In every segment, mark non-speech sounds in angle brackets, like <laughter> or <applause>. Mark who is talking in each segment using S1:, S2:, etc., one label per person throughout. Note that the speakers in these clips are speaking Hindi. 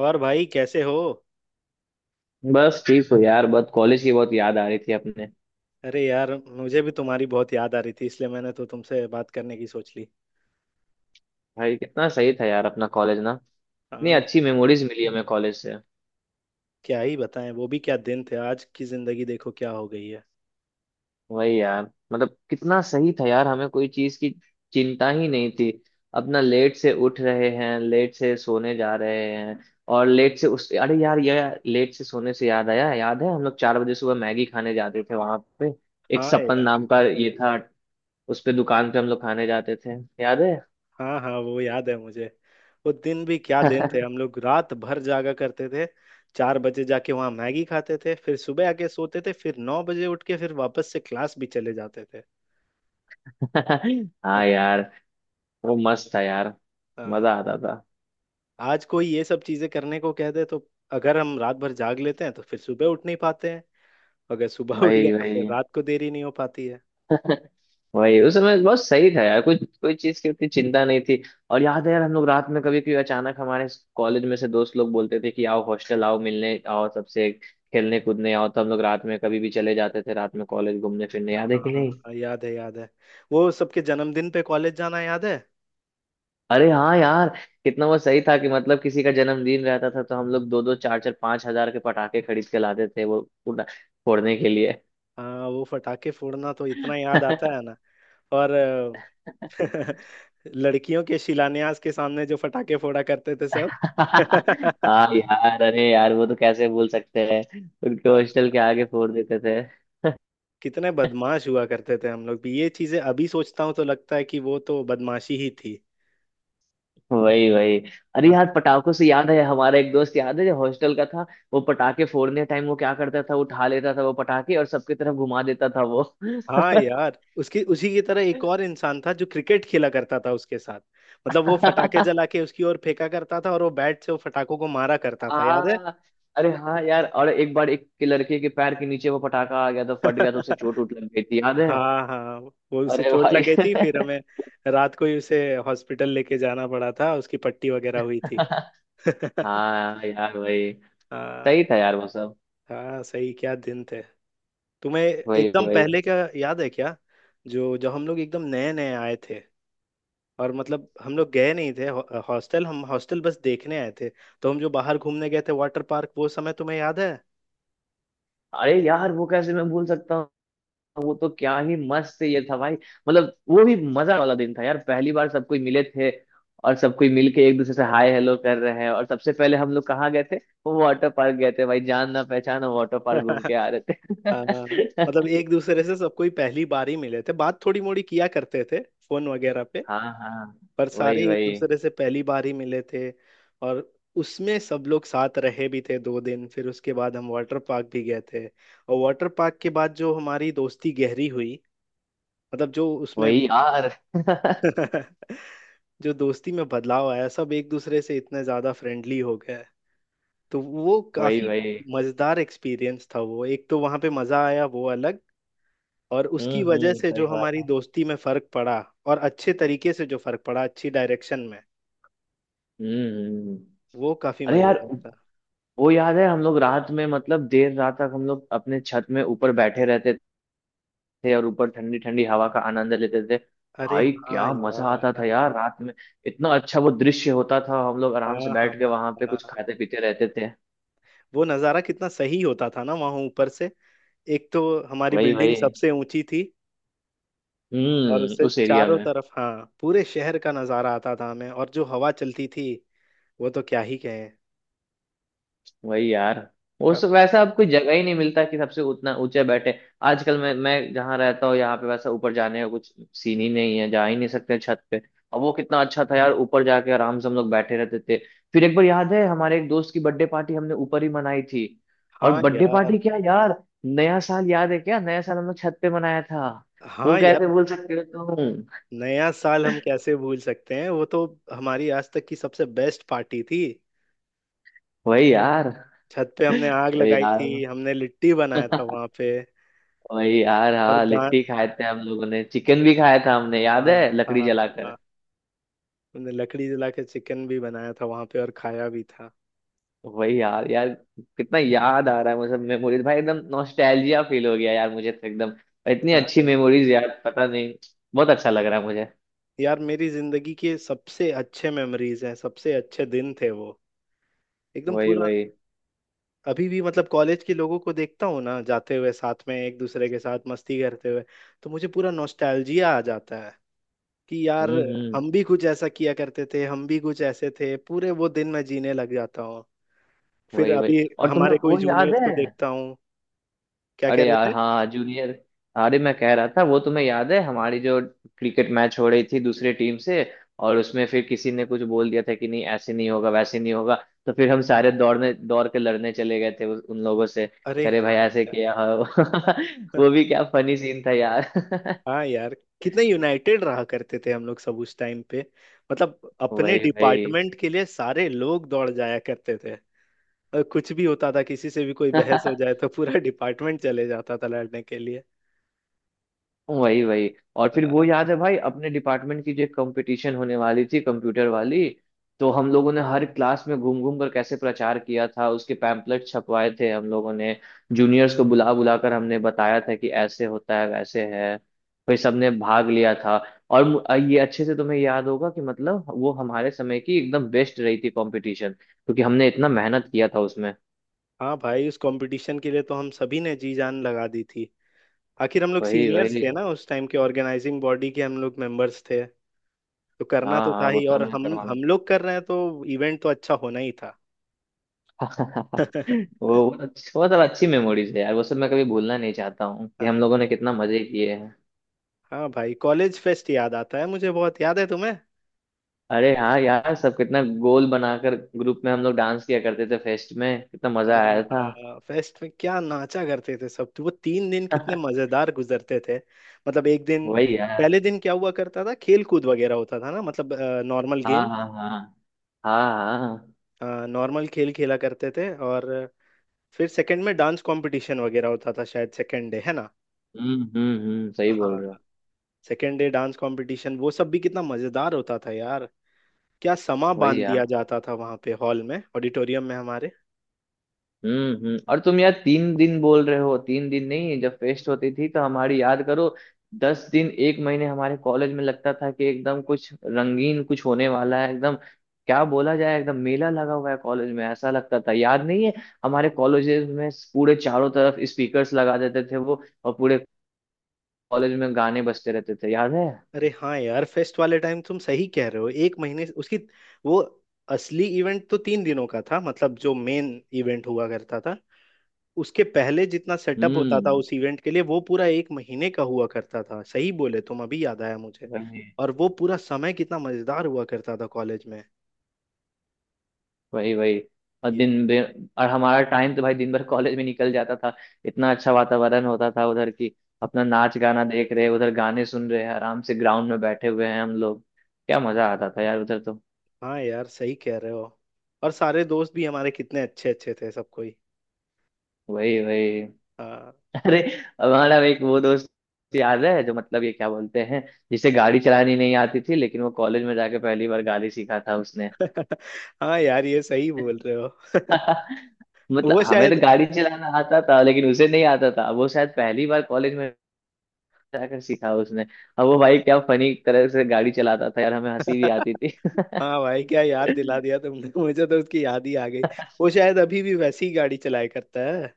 S1: और भाई कैसे हो।
S2: बस ठीक हो यार। बहुत कॉलेज की बहुत याद आ रही थी अपने।
S1: अरे यार मुझे भी तुम्हारी बहुत याद आ रही थी इसलिए मैंने तो तुमसे बात करने की सोच ली।
S2: भाई कितना सही था यार अपना कॉलेज ना। इतनी
S1: हाँ
S2: अच्छी
S1: यार।
S2: मेमोरीज मिली हमें कॉलेज से।
S1: क्या ही बताएं वो भी क्या दिन थे, आज की जिंदगी देखो क्या हो गई है।
S2: वही यार। मतलब कितना सही था यार, हमें कोई चीज की चिंता ही नहीं थी। अपना लेट से उठ रहे हैं, लेट से सोने जा रहे हैं। और लेट से उस अरे यार यार, लेट से सोने से याद आया, याद है हम लोग 4 बजे सुबह मैगी खाने जाते थे वहां पे? एक
S1: हाँ
S2: सपन
S1: यार।
S2: नाम का ये था। उस पे दुकान पे हम लोग खाने जाते थे, याद है?
S1: हाँ हाँ वो याद है मुझे। वो दिन भी क्या दिन थे,
S2: <laughs>
S1: हम लोग रात भर जागा करते थे। 4 बजे जाके वहाँ मैगी खाते थे, फिर सुबह आके सोते थे, फिर 9 बजे उठ के फिर वापस से क्लास भी चले जाते थे।
S2: हाँ
S1: <laughs>
S2: यार। वो मस्त था यार।
S1: हाँ।
S2: मजा आता था।
S1: आज कोई ये सब चीजें करने को कह दे तो अगर हम रात भर जाग लेते हैं तो फिर सुबह उठ नहीं पाते हैं। अगर सुबह <laughs> उठ गया
S2: वही
S1: तो फिर
S2: वही।
S1: रात को देरी नहीं हो पाती है।
S2: <laughs> वही, उस समय बहुत सही था यार, कोई कोई चीज की उतनी चिंता नहीं थी। और याद है यार, हम लोग रात में कभी कभी अचानक हमारे कॉलेज में से दोस्त लोग बोलते थे कि आओ हॉस्टल आओ, मिलने आओ, सबसे खेलने कूदने आओ, तो हम लोग रात में कभी भी चले जाते थे रात में, कॉलेज घूमने फिरने, याद है कि नहीं?
S1: हाँ याद है याद है। वो सबके जन्मदिन पे कॉलेज जाना याद है।
S2: अरे हाँ यार। कितना वो सही था कि मतलब किसी का जन्मदिन रहता था तो हम लोग दो दो चार चार 5,000 के पटाखे खरीद के लाते थे वो उड़ा- फोड़ने के लिए।
S1: हाँ वो फटाके फोड़ना तो इतना याद
S2: <laughs>
S1: आता है ना। और <laughs> लड़कियों के शिलान्यास के सामने जो फटाके फोड़ा करते थे सब। <laughs>
S2: हाँ यार। अरे यार वो तो कैसे भूल सकते हैं। उनके
S1: हाँ।
S2: हॉस्टल के आगे फोड़ देते थे।
S1: कितने बदमाश हुआ करते थे हम लोग भी, ये चीजें अभी सोचता हूँ तो लगता है कि वो तो बदमाशी ही थी।
S2: वही वही। अरे
S1: हाँ।
S2: यार, पटाखों से याद है हमारा एक दोस्त, याद है जो हॉस्टल का था? वो पटाखे फोड़ने टाइम वो क्या करता था, उठा लेता था वो पटाखे और सबकी तरफ घुमा देता था वो।
S1: हाँ यार उसकी, उसी की तरह एक और इंसान था जो क्रिकेट खेला करता था उसके साथ। मतलब वो
S2: <laughs>
S1: फटाके जला
S2: हाँ।
S1: के उसकी ओर फेंका करता था और वो बैट से वो फटाकों को मारा करता था, याद है।
S2: अरे हाँ यार, और एक बार एक के लड़के के पैर के नीचे वो पटाखा आ गया तो फट गया तो उसे चोट
S1: <laughs>
S2: उठ लग गई थी, याद है?
S1: हाँ हाँ। वो उसे
S2: अरे
S1: चोट
S2: भाई
S1: लग गई थी, फिर
S2: <laughs>
S1: हमें रात को ही उसे हॉस्पिटल लेके जाना पड़ा था, उसकी पट्टी वगैरह हुई थी। <laughs>
S2: हाँ यार वही।
S1: हाँ
S2: सही था यार वो सब।
S1: हाँ सही क्या दिन थे। तुम्हें
S2: वही
S1: एकदम
S2: वही।
S1: पहले का याद है क्या? जो जब हम लोग एकदम नए नए आए थे, और मतलब हम लोग गए नहीं थे, हॉ- हॉस्टल हम हॉस्टल बस देखने आए थे, तो हम जो बाहर घूमने गए थे वाटर पार्क, वो समय तुम्हें याद है?
S2: अरे यार वो कैसे मैं भूल सकता हूँ? वो तो क्या ही मस्त ये था भाई, मतलब वो भी मजा वाला दिन था यार, पहली बार सब कोई मिले थे। और सब कोई मिलके एक दूसरे से हाय हेलो कर रहे हैं, और सबसे पहले हम लोग कहाँ गए थे? वो वाटर पार्क गए थे भाई, जान ना पहचान वाटर पार्क घूम के
S1: <laughs>
S2: आ रहे
S1: आ,
S2: थे।
S1: मतलब एक दूसरे से सबको ही पहली बार ही मिले थे, बात थोड़ी मोड़ी किया करते थे फोन वगैरह पे।
S2: <laughs> हाँ हाँ।
S1: पर सारे
S2: वही
S1: एक
S2: वही।
S1: दूसरे से पहली बार ही मिले थे। और उसमें सब लोग साथ रहे भी थे 2 दिन, फिर उसके बाद हम वाटर पार्क भी गए थे, और वाटर पार्क के बाद जो हमारी दोस्ती गहरी हुई, मतलब जो उसमें
S2: वही यार। <laughs>
S1: <laughs> जो दोस्ती में बदलाव आया, सब एक दूसरे से इतने ज्यादा फ्रेंडली हो गए। तो वो
S2: वही
S1: काफी
S2: वही।
S1: मजेदार एक्सपीरियंस था वो, एक तो वहां पे मजा आया वो अलग, और उसकी वजह
S2: हम्म,
S1: से
S2: सही
S1: जो
S2: बात
S1: हमारी
S2: है।
S1: दोस्ती में फर्क पड़ा, और अच्छे तरीके से जो फर्क पड़ा, अच्छी डायरेक्शन में,
S2: हम्म हम्म, हम्म।
S1: वो काफी
S2: अरे यार
S1: मजेदार था।
S2: वो याद है, हम लोग रात में, मतलब देर रात तक हम लोग अपने छत में ऊपर बैठे रहते थे और ऊपर ठंडी ठंडी हवा का आनंद लेते थे।
S1: अरे
S2: भाई
S1: हाँ
S2: क्या मजा आता
S1: यार।
S2: था यार रात में। इतना अच्छा वो दृश्य होता था, हम लोग आराम से
S1: हाँ हाँ
S2: बैठ के वहां पे
S1: हाँ।
S2: कुछ खाते पीते रहते थे।
S1: वो नज़ारा कितना सही होता था ना वहाँ ऊपर से। एक तो हमारी
S2: वही
S1: बिल्डिंग
S2: वही।
S1: सबसे ऊंची थी, और
S2: हम्म,
S1: उससे
S2: उस एरिया
S1: चारों
S2: में।
S1: तरफ हाँ पूरे शहर का नजारा आता था हमें, और जो हवा चलती थी वो तो क्या ही कहें।
S2: वही यार।
S1: अ-
S2: उस वैसा अब कोई जगह ही नहीं मिलता कि सबसे उतना ऊंचे बैठे। आजकल मैं जहाँ रहता हूँ यहाँ पे वैसा ऊपर जाने का कुछ सीन ही नहीं है, जा ही नहीं सकते छत पे। अब वो कितना अच्छा था यार, ऊपर जाके आराम से हम लोग बैठे रहते थे। फिर एक बार याद है हमारे एक दोस्त की बर्थडे पार्टी हमने ऊपर ही मनाई थी। और
S1: हाँ
S2: बर्थडे
S1: यार।
S2: पार्टी क्या यार, नया साल याद है क्या? नया साल हम लोग छत पे मनाया था। वो
S1: हाँ
S2: कैसे
S1: यार।
S2: भूल सकते हो तुम?
S1: नया साल हम कैसे भूल सकते हैं, वो तो हमारी आज तक की सबसे बेस्ट पार्टी थी।
S2: वही यार।
S1: छत पे
S2: <laughs>
S1: हमने आग
S2: अरे
S1: लगाई
S2: यार
S1: थी, हमने लिट्टी बनाया था वहां पे।
S2: वही यार
S1: और
S2: हाँ,
S1: गा
S2: लिट्टी खाए थे हम लोगों ने, चिकन भी खाया था हमने, याद
S1: हाँ
S2: है लकड़ी
S1: हाँ हाँ।
S2: जलाकर?
S1: हमने लकड़ी जला के चिकन भी बनाया था वहां पे और खाया भी था।
S2: वही यार यार, कितना याद आ रहा है मुझे मेमोरीज भाई, एकदम नॉस्टैल्जिया फील हो गया यार मुझे तो, एकदम इतनी
S1: हाँ
S2: अच्छी
S1: यार।
S2: मेमोरीज यार, पता नहीं। बहुत अच्छा लग रहा है मुझे।
S1: यार मेरी जिंदगी के सबसे अच्छे मेमोरीज हैं, सबसे अच्छे दिन थे वो, एकदम
S2: वही
S1: पूरा।
S2: वही।
S1: अभी भी, मतलब कॉलेज के लोगों को देखता हूँ ना जाते हुए साथ में, एक दूसरे के साथ मस्ती करते हुए, तो मुझे पूरा नॉस्टैल्जिया आ जाता है कि यार
S2: हम्म।
S1: हम भी कुछ ऐसा किया करते थे, हम भी कुछ ऐसे थे, पूरे वो दिन मैं जीने लग जाता हूँ। फिर
S2: वही वही।
S1: अभी
S2: और तुम्हें
S1: हमारे कोई
S2: वो याद
S1: जूनियर्स को
S2: है?
S1: देखता हूँ। क्या कह
S2: अरे
S1: रहे
S2: यार
S1: थे?
S2: हाँ, जूनियर। अरे मैं कह रहा था, वो तुम्हें याद है हमारी जो क्रिकेट मैच हो रही थी दूसरे टीम से, और उसमें फिर किसी ने कुछ बोल दिया था कि नहीं ऐसे नहीं होगा, वैसे नहीं होगा, तो फिर हम सारे दौड़ने दौड़ के लड़ने चले गए थे उन लोगों से।
S1: अरे
S2: अरे भाई ऐसे
S1: यार,
S2: किया हाँ। <laughs> वो भी क्या फनी सीन था यार। <laughs>
S1: हाँ यार कितने यूनाइटेड रहा करते थे हम लोग सब उस टाइम पे। मतलब अपने
S2: वही वही।
S1: डिपार्टमेंट के लिए सारे लोग दौड़ जाया करते थे। कुछ भी होता था, किसी से भी कोई बहस हो
S2: <laughs>
S1: जाए तो पूरा डिपार्टमेंट चले जाता था लड़ने के लिए।
S2: वही वही। और
S1: अ,
S2: फिर वो याद है भाई अपने डिपार्टमेंट की जो एक कंपटीशन होने वाली थी कंप्यूटर वाली, तो हम लोगों ने हर क्लास में घूम घूम कर कैसे प्रचार किया था, उसके पैम्पलेट छपवाए थे हम लोगों ने, जूनियर्स को बुला बुला कर हमने बताया था कि ऐसे होता है वैसे है, भाई सबने भाग लिया था। और ये अच्छे से तुम्हें याद होगा कि मतलब वो हमारे समय की एकदम बेस्ट रही थी कंपटीशन, क्योंकि हमने इतना मेहनत किया था उसमें।
S1: हाँ भाई उस कंपटीशन के लिए तो हम सभी ने जी जान लगा दी थी। आखिर हम लोग
S2: वही
S1: सीनियर्स
S2: वही।
S1: थे ना उस टाइम के, ऑर्गेनाइजिंग बॉडी के हम लोग मेंबर्स थे, तो करना
S2: हाँ
S1: तो
S2: हाँ,
S1: था
S2: वो
S1: ही।
S2: तो
S1: और
S2: हमने
S1: हम
S2: करवाना।
S1: हम लोग कर रहे हैं तो इवेंट तो अच्छा होना ही था।
S2: <laughs>
S1: <laughs>
S2: वो सब अच्छी मेमोरीज है यार, वो सब मैं कभी भूलना नहीं चाहता हूँ कि हम लोगों
S1: हाँ।
S2: ने कितना मजे किए हैं।
S1: हाँ भाई कॉलेज फेस्ट याद आता है मुझे, बहुत याद है तुम्हें।
S2: अरे हाँ यार, सब कितना गोल बनाकर ग्रुप में हम लोग डांस किया करते थे, फेस्ट में कितना मजा आया था।
S1: हाँ, फेस्ट में क्या नाचा करते थे सब, तो वो 3 दिन कितने मजेदार गुजरते थे। मतलब एक दिन,
S2: वही यार।
S1: पहले दिन क्या हुआ करता था, खेल कूद वगैरह होता था ना, मतलब नॉर्मल
S2: हाँ
S1: गेम,
S2: हाँ हाँ। हाँ हाँ।
S1: नॉर्मल खेल खेला करते थे। और फिर सेकंड में डांस कंपटीशन वगैरह होता था, शायद सेकंड डे है ना।
S2: हम्म, सही बोल
S1: हाँ
S2: रहे हो।
S1: सेकंड डे डांस कंपटीशन, वो सब भी कितना मजेदार होता था यार। क्या समा
S2: वही
S1: बांध
S2: यार।
S1: दिया जाता था वहां पे, हॉल में, ऑडिटोरियम में हमारे।
S2: हम्म, और तुम यार 3 दिन बोल रहे हो, 3 दिन नहीं, जब फेस्ट होती थी तो हमारी याद करो, 10 दिन एक महीने हमारे कॉलेज में लगता था कि एकदम कुछ रंगीन कुछ होने वाला है, एकदम क्या बोला जाए, एकदम मेला लगा हुआ है कॉलेज में ऐसा लगता था, याद नहीं है? हमारे कॉलेजेस में पूरे चारों तरफ स्पीकर्स लगा देते थे वो, और पूरे कॉलेज में गाने बजते रहते थे, याद है?
S1: अरे हाँ यार फेस्ट वाले टाइम तुम सही कह रहे हो, उसकी वो असली इवेंट तो 3 दिनों का था, मतलब जो मेन इवेंट हुआ करता था, उसके पहले जितना सेटअप होता था
S2: हम्म।
S1: उस इवेंट के लिए, वो पूरा एक महीने का हुआ करता था, सही बोले तुम अभी याद आया मुझे।
S2: वही।
S1: और वो पूरा समय कितना मजेदार हुआ करता था कॉलेज में।
S2: वही वही। और
S1: ये
S2: दिन भर- और हमारा टाइम तो भाई दिन भर कॉलेज में निकल जाता था, इतना अच्छा वातावरण होता था उधर की, अपना नाच गाना देख रहे, उधर गाने सुन रहे हैं, आराम से ग्राउंड में बैठे हुए हैं हम लोग, क्या मजा आता था यार उधर तो।
S1: हाँ यार सही कह रहे हो। और सारे दोस्त भी हमारे कितने अच्छे अच्छे थे सब कोई।
S2: वही वही।
S1: हाँ।
S2: <laughs> अरे, हमारा एक वो दोस्त याद है जो मतलब ये क्या बोलते हैं, जिसे गाड़ी चलानी नहीं आती थी लेकिन वो कॉलेज में जाके पहली बार गाड़ी सीखा था उसने।
S1: <laughs> हाँ यार ये सही बोल रहे हो।
S2: <laughs> मतलब
S1: वो
S2: हमें तो
S1: शायद।
S2: गाड़ी चलाना आता था लेकिन उसे नहीं आता था, वो शायद पहली बार कॉलेज में जाकर सीखा उसने। अब वो भाई क्या फनी तरह से गाड़ी चलाता था यार, हमें हंसी भी
S1: <laughs>
S2: आती थी।
S1: हाँ भाई क्या याद दिला दिया
S2: <laughs>
S1: तुमने, <laughs> मुझे तो उसकी याद ही आ गई। वो शायद अभी भी वैसी ही गाड़ी चलाया करता है।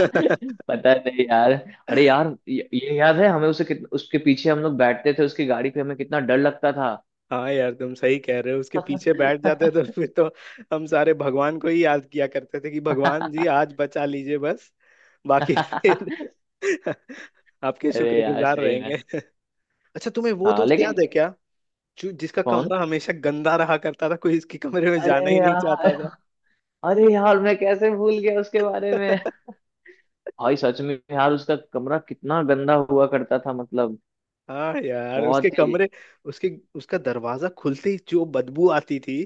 S2: पता नहीं यार। अरे यार, ये याद है हमें उसे उसके पीछे हम लोग बैठते थे उसकी गाड़ी पे, हमें कितना डर लगता था।
S1: हाँ यार तुम सही कह रहे हो, उसके पीछे बैठ जाते तो <laughs> फिर तो हम सारे भगवान को ही याद किया करते थे कि भगवान जी आज
S2: <laughs>
S1: बचा लीजिए बस। बाकी फिर <laughs> आपके
S2: अरे यार
S1: शुक्रगुजार
S2: सही में।
S1: रहेंगे। अच्छा तुम्हें वो तो
S2: हाँ
S1: उससे याद
S2: लेकिन।
S1: है क्या, जो जिसका
S2: कौन?
S1: कमरा हमेशा गंदा रहा करता था, कोई इसके कमरे में
S2: अरे
S1: जाना ही नहीं चाहता
S2: यार, अरे यार मैं कैसे भूल गया उसके बारे
S1: था।
S2: में?
S1: <laughs>
S2: भाई सच में यार, उसका कमरा कितना गंदा हुआ करता था, मतलब
S1: हाँ यार उसके
S2: बहुत ही।
S1: कमरे, उसके, उसका दरवाजा खुलते ही जो बदबू आती थी,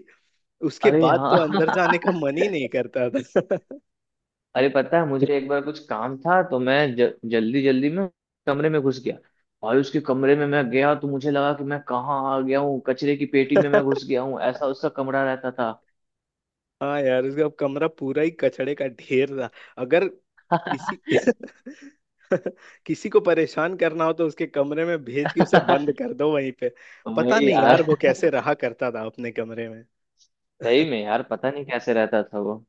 S1: उसके
S2: अरे
S1: बाद तो
S2: हाँ।
S1: अंदर जाने का मन ही
S2: <laughs>
S1: नहीं करता था।
S2: अरे पता है मुझे, एक बार कुछ काम था तो मैं जल्दी जल्दी में कमरे में घुस गया, और उसके कमरे में मैं गया तो मुझे लगा कि मैं कहाँ आ गया हूँ, कचरे की पेटी में मैं घुस गया हूँ, ऐसा उसका कमरा रहता था।
S1: <laughs> हाँ यार उसका कमरा पूरा ही कचड़े का ढेर था। अगर किसी <laughs> किसी को परेशान करना हो तो उसके कमरे में भेज के उसे बंद
S2: <laughs>
S1: कर दो वहीं पे। पता
S2: वही
S1: नहीं यार
S2: यार।
S1: वो कैसे रहा करता था अपने कमरे में।
S2: सही में यार, पता नहीं कैसे रहता था वो।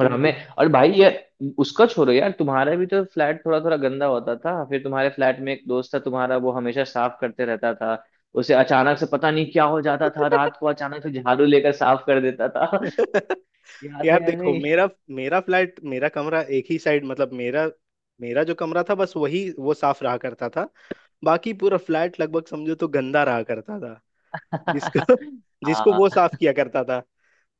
S2: और
S1: तो।
S2: हमें, और भाई ये उसका छोड़ो यार, तुम्हारा भी तो फ्लैट थोड़ा थोड़ा गंदा होता था, फिर तुम्हारे फ्लैट में एक दोस्त था तुम्हारा, वो हमेशा साफ करते रहता था, उसे अचानक से पता नहीं क्या हो जाता था रात को, अचानक से झाड़ू लेकर साफ कर देता था। <laughs>
S1: <laughs>
S2: याद है
S1: यार
S2: या
S1: देखो
S2: नहीं?
S1: मेरा, मेरा फ्लैट, मेरा कमरा एक ही साइड, मतलब मेरा मेरा जो कमरा था बस वही वो साफ रहा करता था। बाकी पूरा फ्लैट लगभग समझो तो गंदा रहा करता था। जिसको <laughs> जिसको वो
S2: हाँ
S1: साफ किया करता था,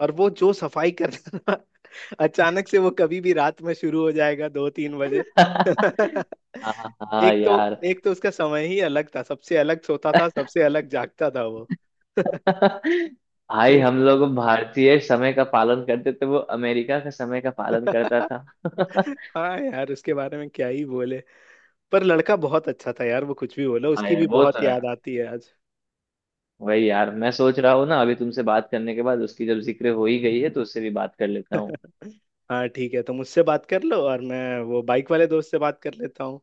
S1: और वो जो सफाई करता था <laughs> अचानक से वो कभी भी रात में शुरू हो जाएगा 2-3 बजे।
S2: हाँ
S1: <laughs>
S2: हाँ
S1: एक तो
S2: यार।
S1: एक तो उसका समय ही अलग था, सबसे अलग सोता था, सबसे अलग जागता था वो।
S2: <laughs> भाई हम
S1: <laughs>
S2: लोग भारतीय समय का पालन करते थे, वो अमेरिका का समय का पालन करता था।
S1: हाँ यार उसके बारे में क्या ही बोले। पर लड़का बहुत अच्छा था यार, वो कुछ भी बोलो,
S2: हाँ
S1: उसकी
S2: यार
S1: भी
S2: वो
S1: बहुत
S2: तो है।
S1: याद आती है आज।
S2: वही यार, मैं सोच रहा हूँ ना, अभी तुमसे बात करने के बाद उसकी जब जिक्र हो ही गई है तो उससे भी बात कर लेता हूँ।
S1: हाँ ठीक है, तुम उससे बात कर लो और मैं वो बाइक वाले दोस्त से बात कर लेता हूँ।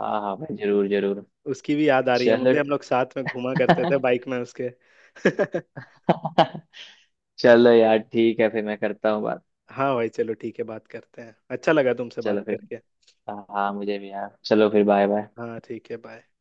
S2: हाँ हाँ भाई जरूर जरूर।
S1: उसकी भी याद आ रही है
S2: चलो।
S1: मुझे, हम लोग साथ में घूमा करते थे बाइक में उसके। <laughs>
S2: <laughs> चलो यार ठीक है, फिर मैं करता हूँ बात।
S1: हाँ भाई चलो ठीक है, बात करते हैं, अच्छा लगा तुमसे
S2: चलो
S1: बात
S2: फिर।
S1: करके।
S2: हाँ मुझे भी यार, चलो फिर बाय बाय।
S1: हाँ ठीक है बाय।